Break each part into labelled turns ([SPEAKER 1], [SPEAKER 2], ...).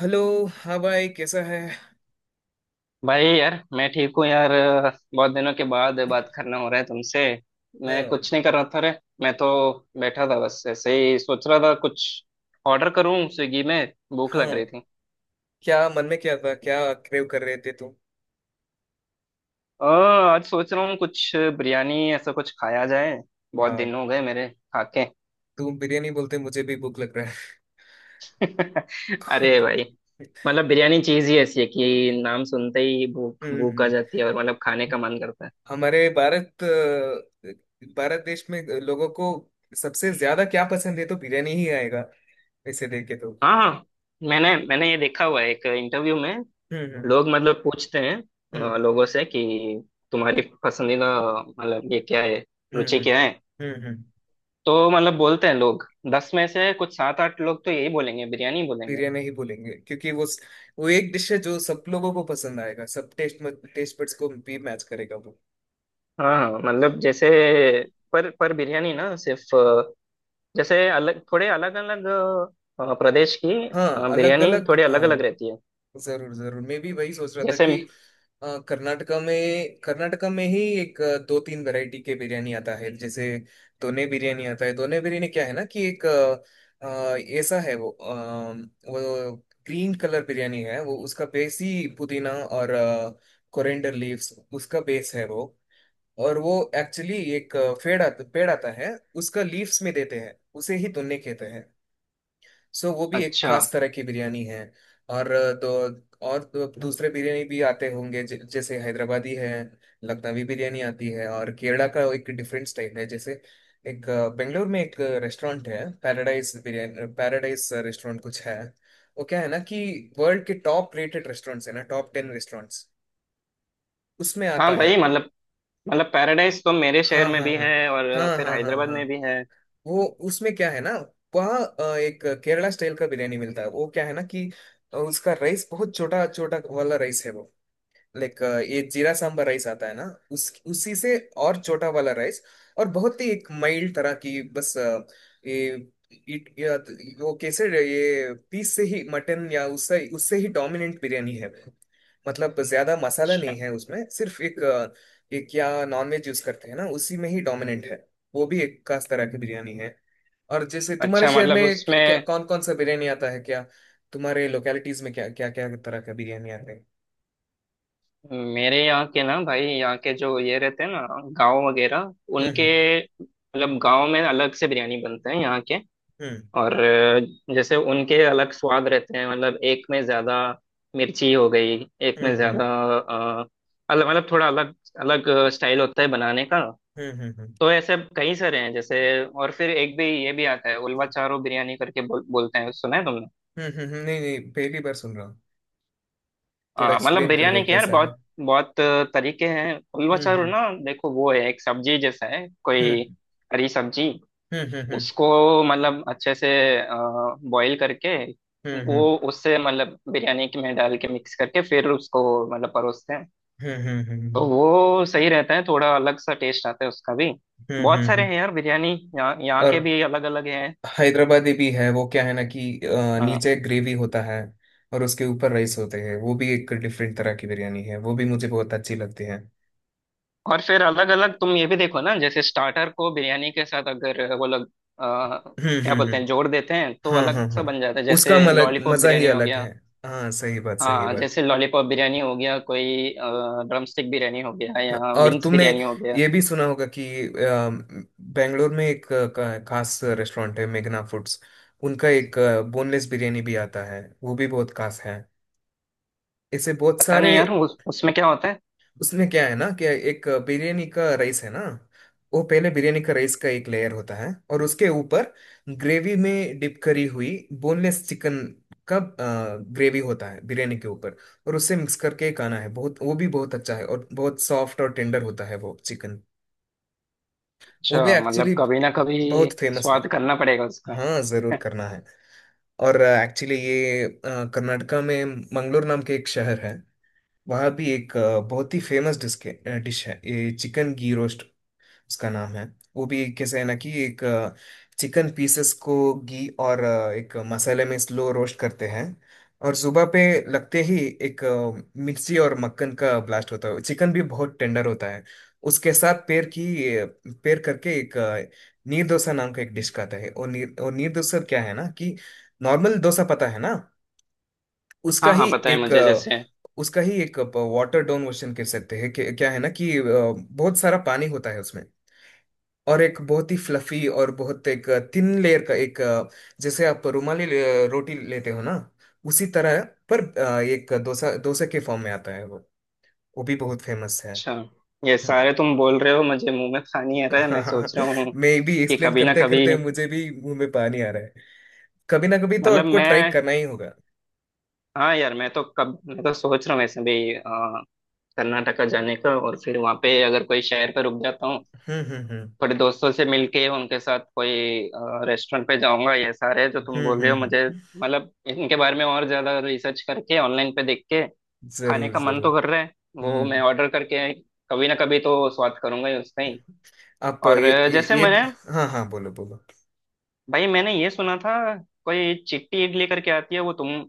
[SPEAKER 1] Hello. हाँ भाई, कैसा है?
[SPEAKER 2] भाई यार मैं ठीक हूँ यार। बहुत दिनों के बाद बात करना हो रहा है तुमसे। मैं
[SPEAKER 1] हाँ
[SPEAKER 2] कुछ नहीं कर रहा था रे। मैं तो बैठा था बस ऐसे ही सोच रहा था कुछ ऑर्डर करूँ स्विगी में, भूख
[SPEAKER 1] हाँ।
[SPEAKER 2] लग रही थी।
[SPEAKER 1] क्या मन में क्या था? क्या क्रेव कर रहे थे तुम?
[SPEAKER 2] आज सोच रहा हूँ कुछ बिरयानी ऐसा कुछ खाया जाए, बहुत
[SPEAKER 1] वाह।
[SPEAKER 2] दिन हो गए मेरे खाके।
[SPEAKER 1] तुम बिरयानी बोलते मुझे भी भूख लग रहा है।
[SPEAKER 2] अरे भाई, मतलब बिरयानी चीज ही ऐसी है कि नाम सुनते ही भूख भूख
[SPEAKER 1] हम्म।
[SPEAKER 2] आ जाती है और मतलब खाने का मन करता है।
[SPEAKER 1] हमारे भारत देश में लोगों को सबसे ज्यादा क्या पसंद है तो बिरयानी ही आएगा, इसे देख के तो।
[SPEAKER 2] हाँ हाँ, मैंने मैंने ये देखा हुआ है एक इंटरव्यू में।
[SPEAKER 1] हम्म।
[SPEAKER 2] लोग मतलब पूछते हैं
[SPEAKER 1] हम्म।
[SPEAKER 2] लोगों से कि तुम्हारी पसंदीदा मतलब ये क्या है,
[SPEAKER 1] हम्म।
[SPEAKER 2] रुचि
[SPEAKER 1] हम्म।
[SPEAKER 2] क्या है।
[SPEAKER 1] हम्म।
[SPEAKER 2] तो मतलब बोलते हैं लोग, 10 में से कुछ सात आठ लोग तो यही बोलेंगे, बिरयानी बोलेंगे।
[SPEAKER 1] बिरयानी ही बोलेंगे, क्योंकि वो एक डिश है जो सब लोगों को पसंद आएगा। सब टेस्ट टेस्ट बड्स को भी मैच करेगा।
[SPEAKER 2] हाँ हाँ, मतलब जैसे पर बिरयानी ना, सिर्फ जैसे अलग, थोड़े अलग अलग प्रदेश की
[SPEAKER 1] हाँ, अलग
[SPEAKER 2] बिरयानी
[SPEAKER 1] अलग।
[SPEAKER 2] थोड़ी अलग अलग
[SPEAKER 1] हाँ।
[SPEAKER 2] रहती है
[SPEAKER 1] जरूर जरूर, मैं भी वही सोच रहा था
[SPEAKER 2] जैसे।
[SPEAKER 1] कि कर्नाटका में ही एक दो तीन वैरायटी के बिरयानी आता है, जैसे दोने बिरयानी आता है। दोने बिरयानी क्या है ना कि एक ऐसा है वो, वो ग्रीन कलर बिरयानी है। वो उसका बेस ही पुदीना और कोरिएंडर लीव्स, उसका बेस है वो। और वो एक्चुअली एक पेड़ आता है, उसका लीव्स में देते हैं, उसे ही दोने कहते हैं। सो वो भी एक
[SPEAKER 2] अच्छा।
[SPEAKER 1] खास तरह की बिरयानी है। और तो दूसरे बिरयानी भी आते होंगे, जैसे हैदराबादी है। लखनवी बिरयानी आती है, और केरला का एक डिफरेंट स्टाइल है। जैसे एक बेंगलोर में एक रेस्टोरेंट है, पैराडाइज बिरयानी, पैराडाइज रेस्टोरेंट कुछ है। वो क्या है ना कि वर्ल्ड के टॉप रेटेड रेस्टोरेंट्स है ना, टॉप टेन रेस्टोरेंट्स, उसमें आता
[SPEAKER 2] हाँ
[SPEAKER 1] है।
[SPEAKER 2] भाई, मतलब पैराडाइज तो मेरे शहर
[SPEAKER 1] हाँ,
[SPEAKER 2] में
[SPEAKER 1] हाँ,
[SPEAKER 2] भी
[SPEAKER 1] हाँ।
[SPEAKER 2] है और
[SPEAKER 1] हाँ,
[SPEAKER 2] फिर
[SPEAKER 1] हाँ, हाँ,
[SPEAKER 2] हैदराबाद
[SPEAKER 1] हाँ।
[SPEAKER 2] में भी है।
[SPEAKER 1] वो उसमें क्या है ना, वहाँ एक केरला स्टाइल का बिरयानी मिलता है। वो क्या है ना कि उसका राइस बहुत छोटा छोटा वाला राइस है वो, लाइक, ये जीरा सांबर राइस आता है ना, उस उसी से, और छोटा वाला राइस, और बहुत ही एक माइल्ड तरह की बस ये, इट या वो कैसे, ये पीस से ही मटन या उससे उससे ही डोमिनेंट बिरयानी है। मतलब ज्यादा मसाला नहीं
[SPEAKER 2] अच्छा।
[SPEAKER 1] है उसमें, सिर्फ एक एक या नॉनवेज यूज करते हैं ना, उसी में ही डोमिनेंट है। वो भी एक खास तरह की बिरयानी है। और जैसे तुम्हारे
[SPEAKER 2] अच्छा
[SPEAKER 1] शहर
[SPEAKER 2] मतलब
[SPEAKER 1] में क्या, क्या
[SPEAKER 2] उसमें
[SPEAKER 1] कौन कौन सा बिरयानी आता है? क्या तुम्हारे लोकेलिटीज में क्या क्या क्या तरह का बिरयानी आता है?
[SPEAKER 2] मेरे यहाँ के ना, भाई यहाँ के जो ये रहते हैं ना गांव वगैरह उनके,
[SPEAKER 1] हम्म।
[SPEAKER 2] मतलब गांव में अलग से बिरयानी बनते हैं यहाँ के।
[SPEAKER 1] हम्म।
[SPEAKER 2] और जैसे उनके अलग स्वाद रहते हैं, मतलब एक में ज्यादा मिर्ची हो गई, एक में
[SPEAKER 1] हम्म।
[SPEAKER 2] ज्यादा
[SPEAKER 1] हम्म।
[SPEAKER 2] अ, अलग, मतलब थोड़ा अलग अलग स्टाइल होता है बनाने का।
[SPEAKER 1] हम्म। हम्म। हम्म।
[SPEAKER 2] तो ऐसे कई सारे हैं जैसे, और फिर एक भी ये भी आता है, उलवा चारो बिरयानी करके बोलते हैं, सुना है तुमने।
[SPEAKER 1] हम्म। नहीं नहीं, पहली बार सुन रहा हूँ। थोड़ा
[SPEAKER 2] मतलब
[SPEAKER 1] एक्सप्लेन कर दो,
[SPEAKER 2] बिरयानी के यार
[SPEAKER 1] कैसा है।
[SPEAKER 2] बहुत बहुत तरीके हैं। उल्वा
[SPEAKER 1] हम्म।
[SPEAKER 2] चारू
[SPEAKER 1] हम्म।
[SPEAKER 2] ना, देखो वो है एक सब्जी जैसा है कोई,
[SPEAKER 1] हम्म।
[SPEAKER 2] हरी सब्जी।
[SPEAKER 1] हम्म। हम्म।
[SPEAKER 2] उसको मतलब अच्छे से बॉईल करके
[SPEAKER 1] हम्म।
[SPEAKER 2] वो, उससे मतलब बिरयानी के में डाल के मिक्स करके फिर उसको मतलब परोसते हैं।
[SPEAKER 1] हम्म। हम्म। हम्म।
[SPEAKER 2] तो वो सही रहता है, थोड़ा अलग सा टेस्ट आता है उसका भी। बहुत सारे
[SPEAKER 1] हम्म।
[SPEAKER 2] हैं यार बिरयानी, यहाँ यहाँ
[SPEAKER 1] और
[SPEAKER 2] के भी अलग अलग हैं।
[SPEAKER 1] हैदराबादी भी है, वो क्या है ना कि
[SPEAKER 2] हाँ।
[SPEAKER 1] नीचे ग्रेवी होता है, और उसके ऊपर राइस होते हैं। वो भी एक डिफरेंट तरह की बिरयानी है, वो भी मुझे बहुत अच्छी लगती है।
[SPEAKER 2] और फिर अलग अलग, तुम ये भी देखो ना, जैसे स्टार्टर को बिरयानी के साथ अगर वो लोग आ,
[SPEAKER 1] हम्म।
[SPEAKER 2] क्या बोलते
[SPEAKER 1] हम्म।
[SPEAKER 2] हैं, जोड़ देते हैं तो
[SPEAKER 1] हाँ,
[SPEAKER 2] अलग
[SPEAKER 1] हाँ,
[SPEAKER 2] सा
[SPEAKER 1] हाँ,
[SPEAKER 2] बन जाता है,
[SPEAKER 1] उसका
[SPEAKER 2] जैसे
[SPEAKER 1] मलक
[SPEAKER 2] लॉलीपॉप
[SPEAKER 1] मजा ही
[SPEAKER 2] बिरयानी हो
[SPEAKER 1] अलग
[SPEAKER 2] गया।
[SPEAKER 1] है। हाँ, सही बात, सही
[SPEAKER 2] हाँ,
[SPEAKER 1] बात।
[SPEAKER 2] जैसे लॉलीपॉप बिरयानी हो गया कोई, ड्रमस्टिक बिरयानी हो गया
[SPEAKER 1] हाँ,
[SPEAKER 2] या
[SPEAKER 1] और
[SPEAKER 2] विंग्स
[SPEAKER 1] तुमने
[SPEAKER 2] बिरयानी हो गया।
[SPEAKER 1] ये भी सुना होगा कि बेंगलोर में एक खास रेस्टोरेंट है, मेघना फूड्स। उनका एक बोनलेस बिरयानी भी आता है, वो भी बहुत खास है, ऐसे बहुत
[SPEAKER 2] पता नहीं
[SPEAKER 1] सारे।
[SPEAKER 2] यार, उसमें क्या होता है।
[SPEAKER 1] उसमें क्या है ना कि एक बिरयानी का राइस है ना, वो पहले बिरयानी का राइस का एक लेयर होता है, और उसके ऊपर ग्रेवी में डिप करी हुई बोनलेस चिकन का ग्रेवी होता है, बिरयानी के ऊपर। और उससे मिक्स करके खाना है, बहुत वो भी बहुत अच्छा है, और बहुत सॉफ्ट और टेंडर होता है वो चिकन। वो भी
[SPEAKER 2] अच्छा मतलब
[SPEAKER 1] एक्चुअली
[SPEAKER 2] कभी ना कभी
[SPEAKER 1] बहुत फेमस है।
[SPEAKER 2] स्वाद करना पड़ेगा उसका।
[SPEAKER 1] हाँ, जरूर करना है। और एक्चुअली ये कर्नाटका में मंगलोर नाम के एक शहर है। वहाँ भी एक बहुत ही फेमस डिश डिश है, ये चिकन घी रोस्ट उसका नाम है। वो भी कैसे है ना कि एक चिकन पीसेस को घी और एक मसाले में स्लो रोस्ट करते हैं, और सुबह पे लगते ही एक मिर्ची और मक्खन का ब्लास्ट होता है। चिकन भी बहुत टेंडर होता है। उसके साथ पेर करके एक नीर डोसा नाम का एक डिश का आता है। और नीर डोसा क्या है ना कि नॉर्मल डोसा पता है ना। उसका
[SPEAKER 2] हाँ
[SPEAKER 1] ही
[SPEAKER 2] हाँ, पता है
[SPEAKER 1] एक
[SPEAKER 2] मुझे,
[SPEAKER 1] अ,
[SPEAKER 2] जैसे।
[SPEAKER 1] उसका ही एक वाटर डाउन वर्जन कह सकते हैं, क्या है ना कि बहुत सारा पानी होता है उसमें। और एक बहुत ही फ्लफी और बहुत एक थिन लेयर का एक जैसे आप रुमाली रोटी लेते हो ना, उसी तरह है, पर एक डोसा डोसा के फॉर्म में आता है वो भी बहुत फेमस है।
[SPEAKER 2] अच्छा, ये
[SPEAKER 1] हाँ।
[SPEAKER 2] सारे तुम बोल रहे हो मुझे मुंह में पानी आ रहा है, मैं सोच रहा हूँ
[SPEAKER 1] मैं भी
[SPEAKER 2] कि
[SPEAKER 1] एक्सप्लेन
[SPEAKER 2] कभी ना
[SPEAKER 1] करते
[SPEAKER 2] कभी,
[SPEAKER 1] करते मुझे भी मुंह में पानी आ रहा है। कभी ना कभी तो
[SPEAKER 2] मतलब
[SPEAKER 1] आपको ट्राई
[SPEAKER 2] मैं,
[SPEAKER 1] करना ही होगा।
[SPEAKER 2] हाँ यार मैं तो, कब मैं तो सोच रहा हूँ वैसे भी कर्नाटका जाने का, और फिर वहाँ पे अगर कोई शहर पे रुक जाता हूँ,
[SPEAKER 1] हम्म। हम्म। हम्म।
[SPEAKER 2] थोड़े दोस्तों से मिलके उनके साथ कोई रेस्टोरेंट पे जाऊंगा, ये सारे जो तुम
[SPEAKER 1] हम्म।
[SPEAKER 2] बोल रहे
[SPEAKER 1] हम्म।
[SPEAKER 2] हो मुझे,
[SPEAKER 1] हम्म।
[SPEAKER 2] मतलब इनके बारे में और ज्यादा रिसर्च करके ऑनलाइन पे देख के, खाने
[SPEAKER 1] जरूर
[SPEAKER 2] का मन तो
[SPEAKER 1] जरूर।
[SPEAKER 2] कर रहा है, वो मैं
[SPEAKER 1] हम्म।
[SPEAKER 2] ऑर्डर करके कभी ना कभी तो स्वाद करूंगा ही उसका ही।
[SPEAKER 1] आप
[SPEAKER 2] और जैसे
[SPEAKER 1] ये भी-,
[SPEAKER 2] मैंने,
[SPEAKER 1] हाँ, हाँ, बोलो बोलो।
[SPEAKER 2] भाई मैंने ये सुना था, कोई चिट्टी इडली करके आती है, वो तुम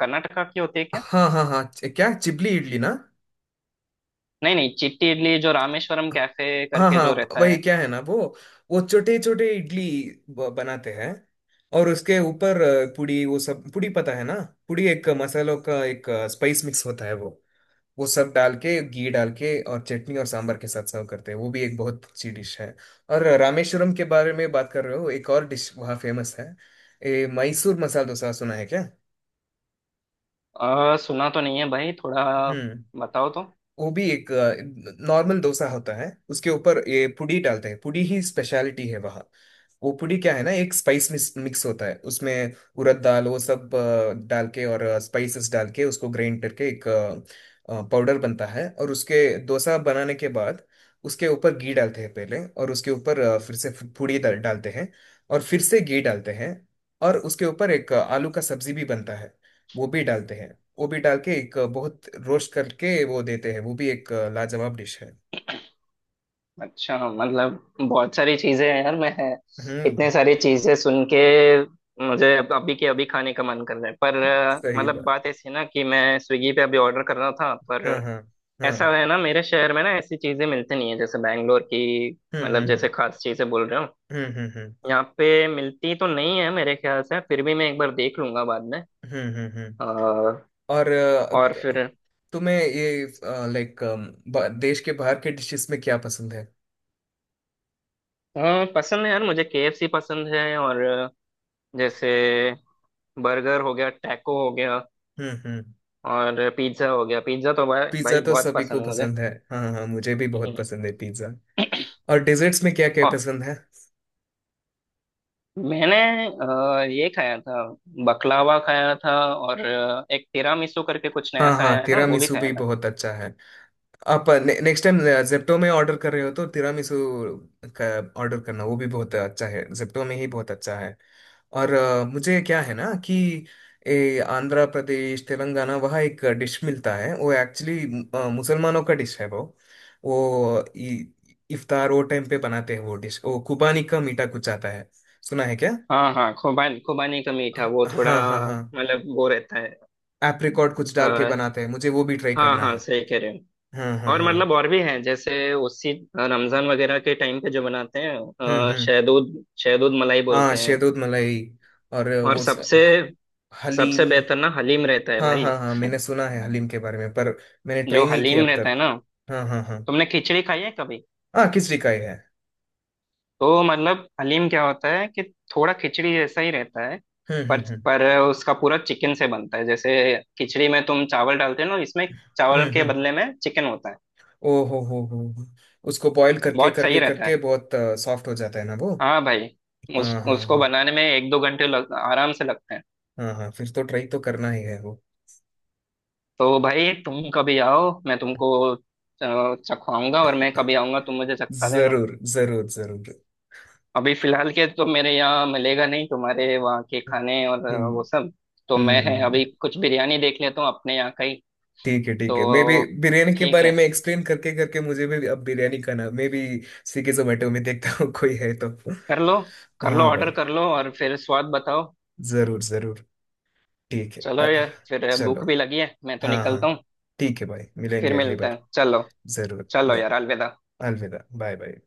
[SPEAKER 2] कर्नाटका की होती है क्या।
[SPEAKER 1] हाँ, हाँ, हाँ, क्या चिपली इडली ना?
[SPEAKER 2] नहीं नहीं, चिट्टी इडली जो रामेश्वरम कैफे
[SPEAKER 1] हाँ,
[SPEAKER 2] करके
[SPEAKER 1] हाँ,
[SPEAKER 2] जो रहता
[SPEAKER 1] वही
[SPEAKER 2] है।
[SPEAKER 1] क्या है ना, वो छोटे छोटे इडली बनाते हैं। और उसके ऊपर पुड़ी, वो सब पुड़ी पता है ना, पुड़ी एक मसालों का एक स्पाइस मिक्स होता है वो। वो सब डाल के, घी डाल के, और चटनी और सांबर के साथ सर्व करते हैं। वो भी एक बहुत अच्छी डिश है। और रामेश्वरम के बारे में बात कर रहे हो, एक और डिश वहाँ फेमस है, ये मैसूर मसाला डोसा, सुना है क्या?
[SPEAKER 2] सुना तो नहीं है भाई, थोड़ा
[SPEAKER 1] हम्म।
[SPEAKER 2] बताओ तो।
[SPEAKER 1] वो भी एक नॉर्मल डोसा होता है, उसके ऊपर ये पुड़ी डालते हैं, पुड़ी ही स्पेशलिटी है वहाँ। वो पुड़ी क्या है ना, एक स्पाइस मिक्स मिक्स होता है, उसमें उड़द दाल वो सब डाल के और स्पाइसेस डाल के उसको ग्राइंड करके एक पाउडर बनता है, और उसके डोसा बनाने के बाद उसके ऊपर घी डालते हैं पहले, और उसके ऊपर फिर से पुड़ी डालते हैं, और फिर से घी डालते हैं। और उसके ऊपर एक आलू का सब्जी भी बनता है, वो भी डालते हैं। वो भी डाल के एक बहुत रोस्ट करके वो देते हैं। वो भी एक लाजवाब डिश है।
[SPEAKER 2] अच्छा मतलब बहुत सारी चीजें हैं यार, मैं
[SPEAKER 1] हम्म,
[SPEAKER 2] इतने सारी चीजें सुन के मुझे अभी के अभी खाने का मन कर रहा है, पर
[SPEAKER 1] सही
[SPEAKER 2] मतलब
[SPEAKER 1] बात।
[SPEAKER 2] बात ऐसी है ना कि मैं स्विगी पे अभी ऑर्डर कर रहा था,
[SPEAKER 1] हाँ,
[SPEAKER 2] पर
[SPEAKER 1] हाँ, हाँ।
[SPEAKER 2] ऐसा है ना, मेरे शहर में ना ऐसी चीजें मिलती नहीं है, जैसे बैंगलोर की
[SPEAKER 1] हम्म।
[SPEAKER 2] मतलब
[SPEAKER 1] हम्म।
[SPEAKER 2] जैसे
[SPEAKER 1] हम्म।
[SPEAKER 2] खास चीजें बोल रहे हो,
[SPEAKER 1] हम्म। हम्म। हम्म।
[SPEAKER 2] यहाँ पे मिलती तो नहीं है मेरे ख्याल से, फिर भी मैं एक बार देख लूंगा बाद में।
[SPEAKER 1] हम्म।
[SPEAKER 2] अ,
[SPEAKER 1] और
[SPEAKER 2] और फिर,
[SPEAKER 1] तुम्हें ये, लाइक, देश के बाहर के डिशेस में क्या पसंद है?
[SPEAKER 2] हाँ पसंद है यार, मुझे केएफसी पसंद है, और जैसे बर्गर हो गया, टैको हो गया,
[SPEAKER 1] हम्म। हम्म।
[SPEAKER 2] और पिज्ज़ा हो गया, पिज्ज़ा तो भाई
[SPEAKER 1] पिज्जा
[SPEAKER 2] भाई
[SPEAKER 1] तो
[SPEAKER 2] बहुत
[SPEAKER 1] सभी को
[SPEAKER 2] पसंद है मुझे।
[SPEAKER 1] पसंद है, हाँ, हाँ, मुझे भी बहुत
[SPEAKER 2] हम्म।
[SPEAKER 1] पसंद है पिज्जा। और डेजर्ट्स में क्या क्या
[SPEAKER 2] और
[SPEAKER 1] पसंद है?
[SPEAKER 2] मैंने ये खाया था, बकलावा खाया था, और एक तिरामिसू करके कुछ नया
[SPEAKER 1] हाँ,
[SPEAKER 2] सा
[SPEAKER 1] हाँ,
[SPEAKER 2] आया है ना, वो भी
[SPEAKER 1] तिरामिसू
[SPEAKER 2] खाया
[SPEAKER 1] भी
[SPEAKER 2] था।
[SPEAKER 1] बहुत अच्छा है। आप नेक्स्ट टाइम जेप्टो में ऑर्डर कर रहे हो तो तिरामिसू का ऑर्डर करना, वो भी बहुत अच्छा है, जेप्टो में ही बहुत अच्छा है। और मुझे क्या है ना कि आंध्र प्रदेश तेलंगाना, वहाँ एक डिश मिलता है, वो एक्चुअली मुसलमानों का डिश है वो इफ्तार वो टाइम पे बनाते हैं वो डिश, वो कुबानी का मीठा कुछ आता है, सुना है क्या?
[SPEAKER 2] हाँ हाँ, खुबानी, खुबानी का मीठा, वो थोड़ा
[SPEAKER 1] हाँ, हाँ, हाँ,
[SPEAKER 2] मतलब वो रहता है।
[SPEAKER 1] एप्रिकॉट कुछ डाल के
[SPEAKER 2] अ,
[SPEAKER 1] बनाते हैं, मुझे वो भी ट्राई
[SPEAKER 2] हाँ
[SPEAKER 1] करना
[SPEAKER 2] हाँ
[SPEAKER 1] है।
[SPEAKER 2] सही कह रहे हो।
[SPEAKER 1] हाँ, हाँ,
[SPEAKER 2] और
[SPEAKER 1] हाँ।
[SPEAKER 2] मतलब और भी हैं, जैसे उसी रमजान वगैरह के टाइम पे जो बनाते हैं,
[SPEAKER 1] हम्म। हम्म।
[SPEAKER 2] शहदूद, शहदूद मलाई
[SPEAKER 1] हाँ,
[SPEAKER 2] बोलते हैं।
[SPEAKER 1] शहदोद मलाई। और
[SPEAKER 2] और
[SPEAKER 1] वो
[SPEAKER 2] सबसे, सबसे
[SPEAKER 1] हलीम।
[SPEAKER 2] बेहतर ना हलीम रहता है
[SPEAKER 1] हाँ,
[SPEAKER 2] भाई।
[SPEAKER 1] हाँ, हाँ, मैंने सुना है हलीम के बारे में, पर मैंने
[SPEAKER 2] जो
[SPEAKER 1] ट्राई नहीं किया
[SPEAKER 2] हलीम
[SPEAKER 1] अब
[SPEAKER 2] रहता
[SPEAKER 1] तक।
[SPEAKER 2] है ना,
[SPEAKER 1] हाँ हाँ हाँ।
[SPEAKER 2] तुमने खिचड़ी खाई है कभी।
[SPEAKER 1] हाँ, खिचड़ी का ही है।
[SPEAKER 2] तो मतलब हलीम क्या होता है कि थोड़ा खिचड़ी जैसा ही रहता है,
[SPEAKER 1] हम्म।
[SPEAKER 2] पर
[SPEAKER 1] हम्म। हम्म।
[SPEAKER 2] पर उसका पूरा चिकन से बनता है, जैसे खिचड़ी में तुम चावल डालते हो ना, इसमें चावल
[SPEAKER 1] हम्म।
[SPEAKER 2] के
[SPEAKER 1] हम्म।
[SPEAKER 2] बदले में चिकन होता है।
[SPEAKER 1] ओ हो हो। उसको बॉईल करके
[SPEAKER 2] बहुत सही
[SPEAKER 1] करके
[SPEAKER 2] रहता है,
[SPEAKER 1] करके बहुत सॉफ्ट हो जाता है ना वो।
[SPEAKER 2] हाँ भाई।
[SPEAKER 1] हाँ,
[SPEAKER 2] उस
[SPEAKER 1] हाँ,
[SPEAKER 2] उसको
[SPEAKER 1] हाँ।
[SPEAKER 2] बनाने में एक दो घंटे आराम से लगते हैं।
[SPEAKER 1] हाँ, हाँ, फिर तो ट्राई तो करना ही है वो।
[SPEAKER 2] तो भाई तुम कभी आओ, मैं तुमको चखवाऊंगा, और मैं कभी आऊंगा तुम मुझे चखा देना।
[SPEAKER 1] जरूर जरूर जरूर।
[SPEAKER 2] अभी फिलहाल के तो मेरे यहाँ मिलेगा नहीं तुम्हारे वहाँ के खाने और
[SPEAKER 1] हम्म।
[SPEAKER 2] वो सब, तो
[SPEAKER 1] हम्म।
[SPEAKER 2] मैं अभी कुछ बिरयानी देख लेता हूँ अपने यहाँ का ही
[SPEAKER 1] ठीक है, ठीक है, मैं भी
[SPEAKER 2] तो।
[SPEAKER 1] बिरयानी के
[SPEAKER 2] ठीक
[SPEAKER 1] बारे
[SPEAKER 2] है,
[SPEAKER 1] में एक्सप्लेन करके करके, मुझे भी अब बिरयानी खाना, मैं भी स्विगी जोमेटो में देखता हूँ कोई है तो।
[SPEAKER 2] कर लो कर लो,
[SPEAKER 1] हाँ
[SPEAKER 2] ऑर्डर
[SPEAKER 1] भाई,
[SPEAKER 2] कर लो और फिर स्वाद बताओ।
[SPEAKER 1] जरूर जरूर। ठीक है,
[SPEAKER 2] चलो यार, फिर
[SPEAKER 1] चलो।
[SPEAKER 2] भूख भी लगी है, मैं तो
[SPEAKER 1] हाँ, हाँ,
[SPEAKER 2] निकलता हूँ।
[SPEAKER 1] ठीक है भाई, मिलेंगे
[SPEAKER 2] फिर
[SPEAKER 1] अगली
[SPEAKER 2] मिलते
[SPEAKER 1] बार।
[SPEAKER 2] हैं, चलो
[SPEAKER 1] जरूर
[SPEAKER 2] चलो यार, अलविदा।
[SPEAKER 1] अलविदा। Bye bye.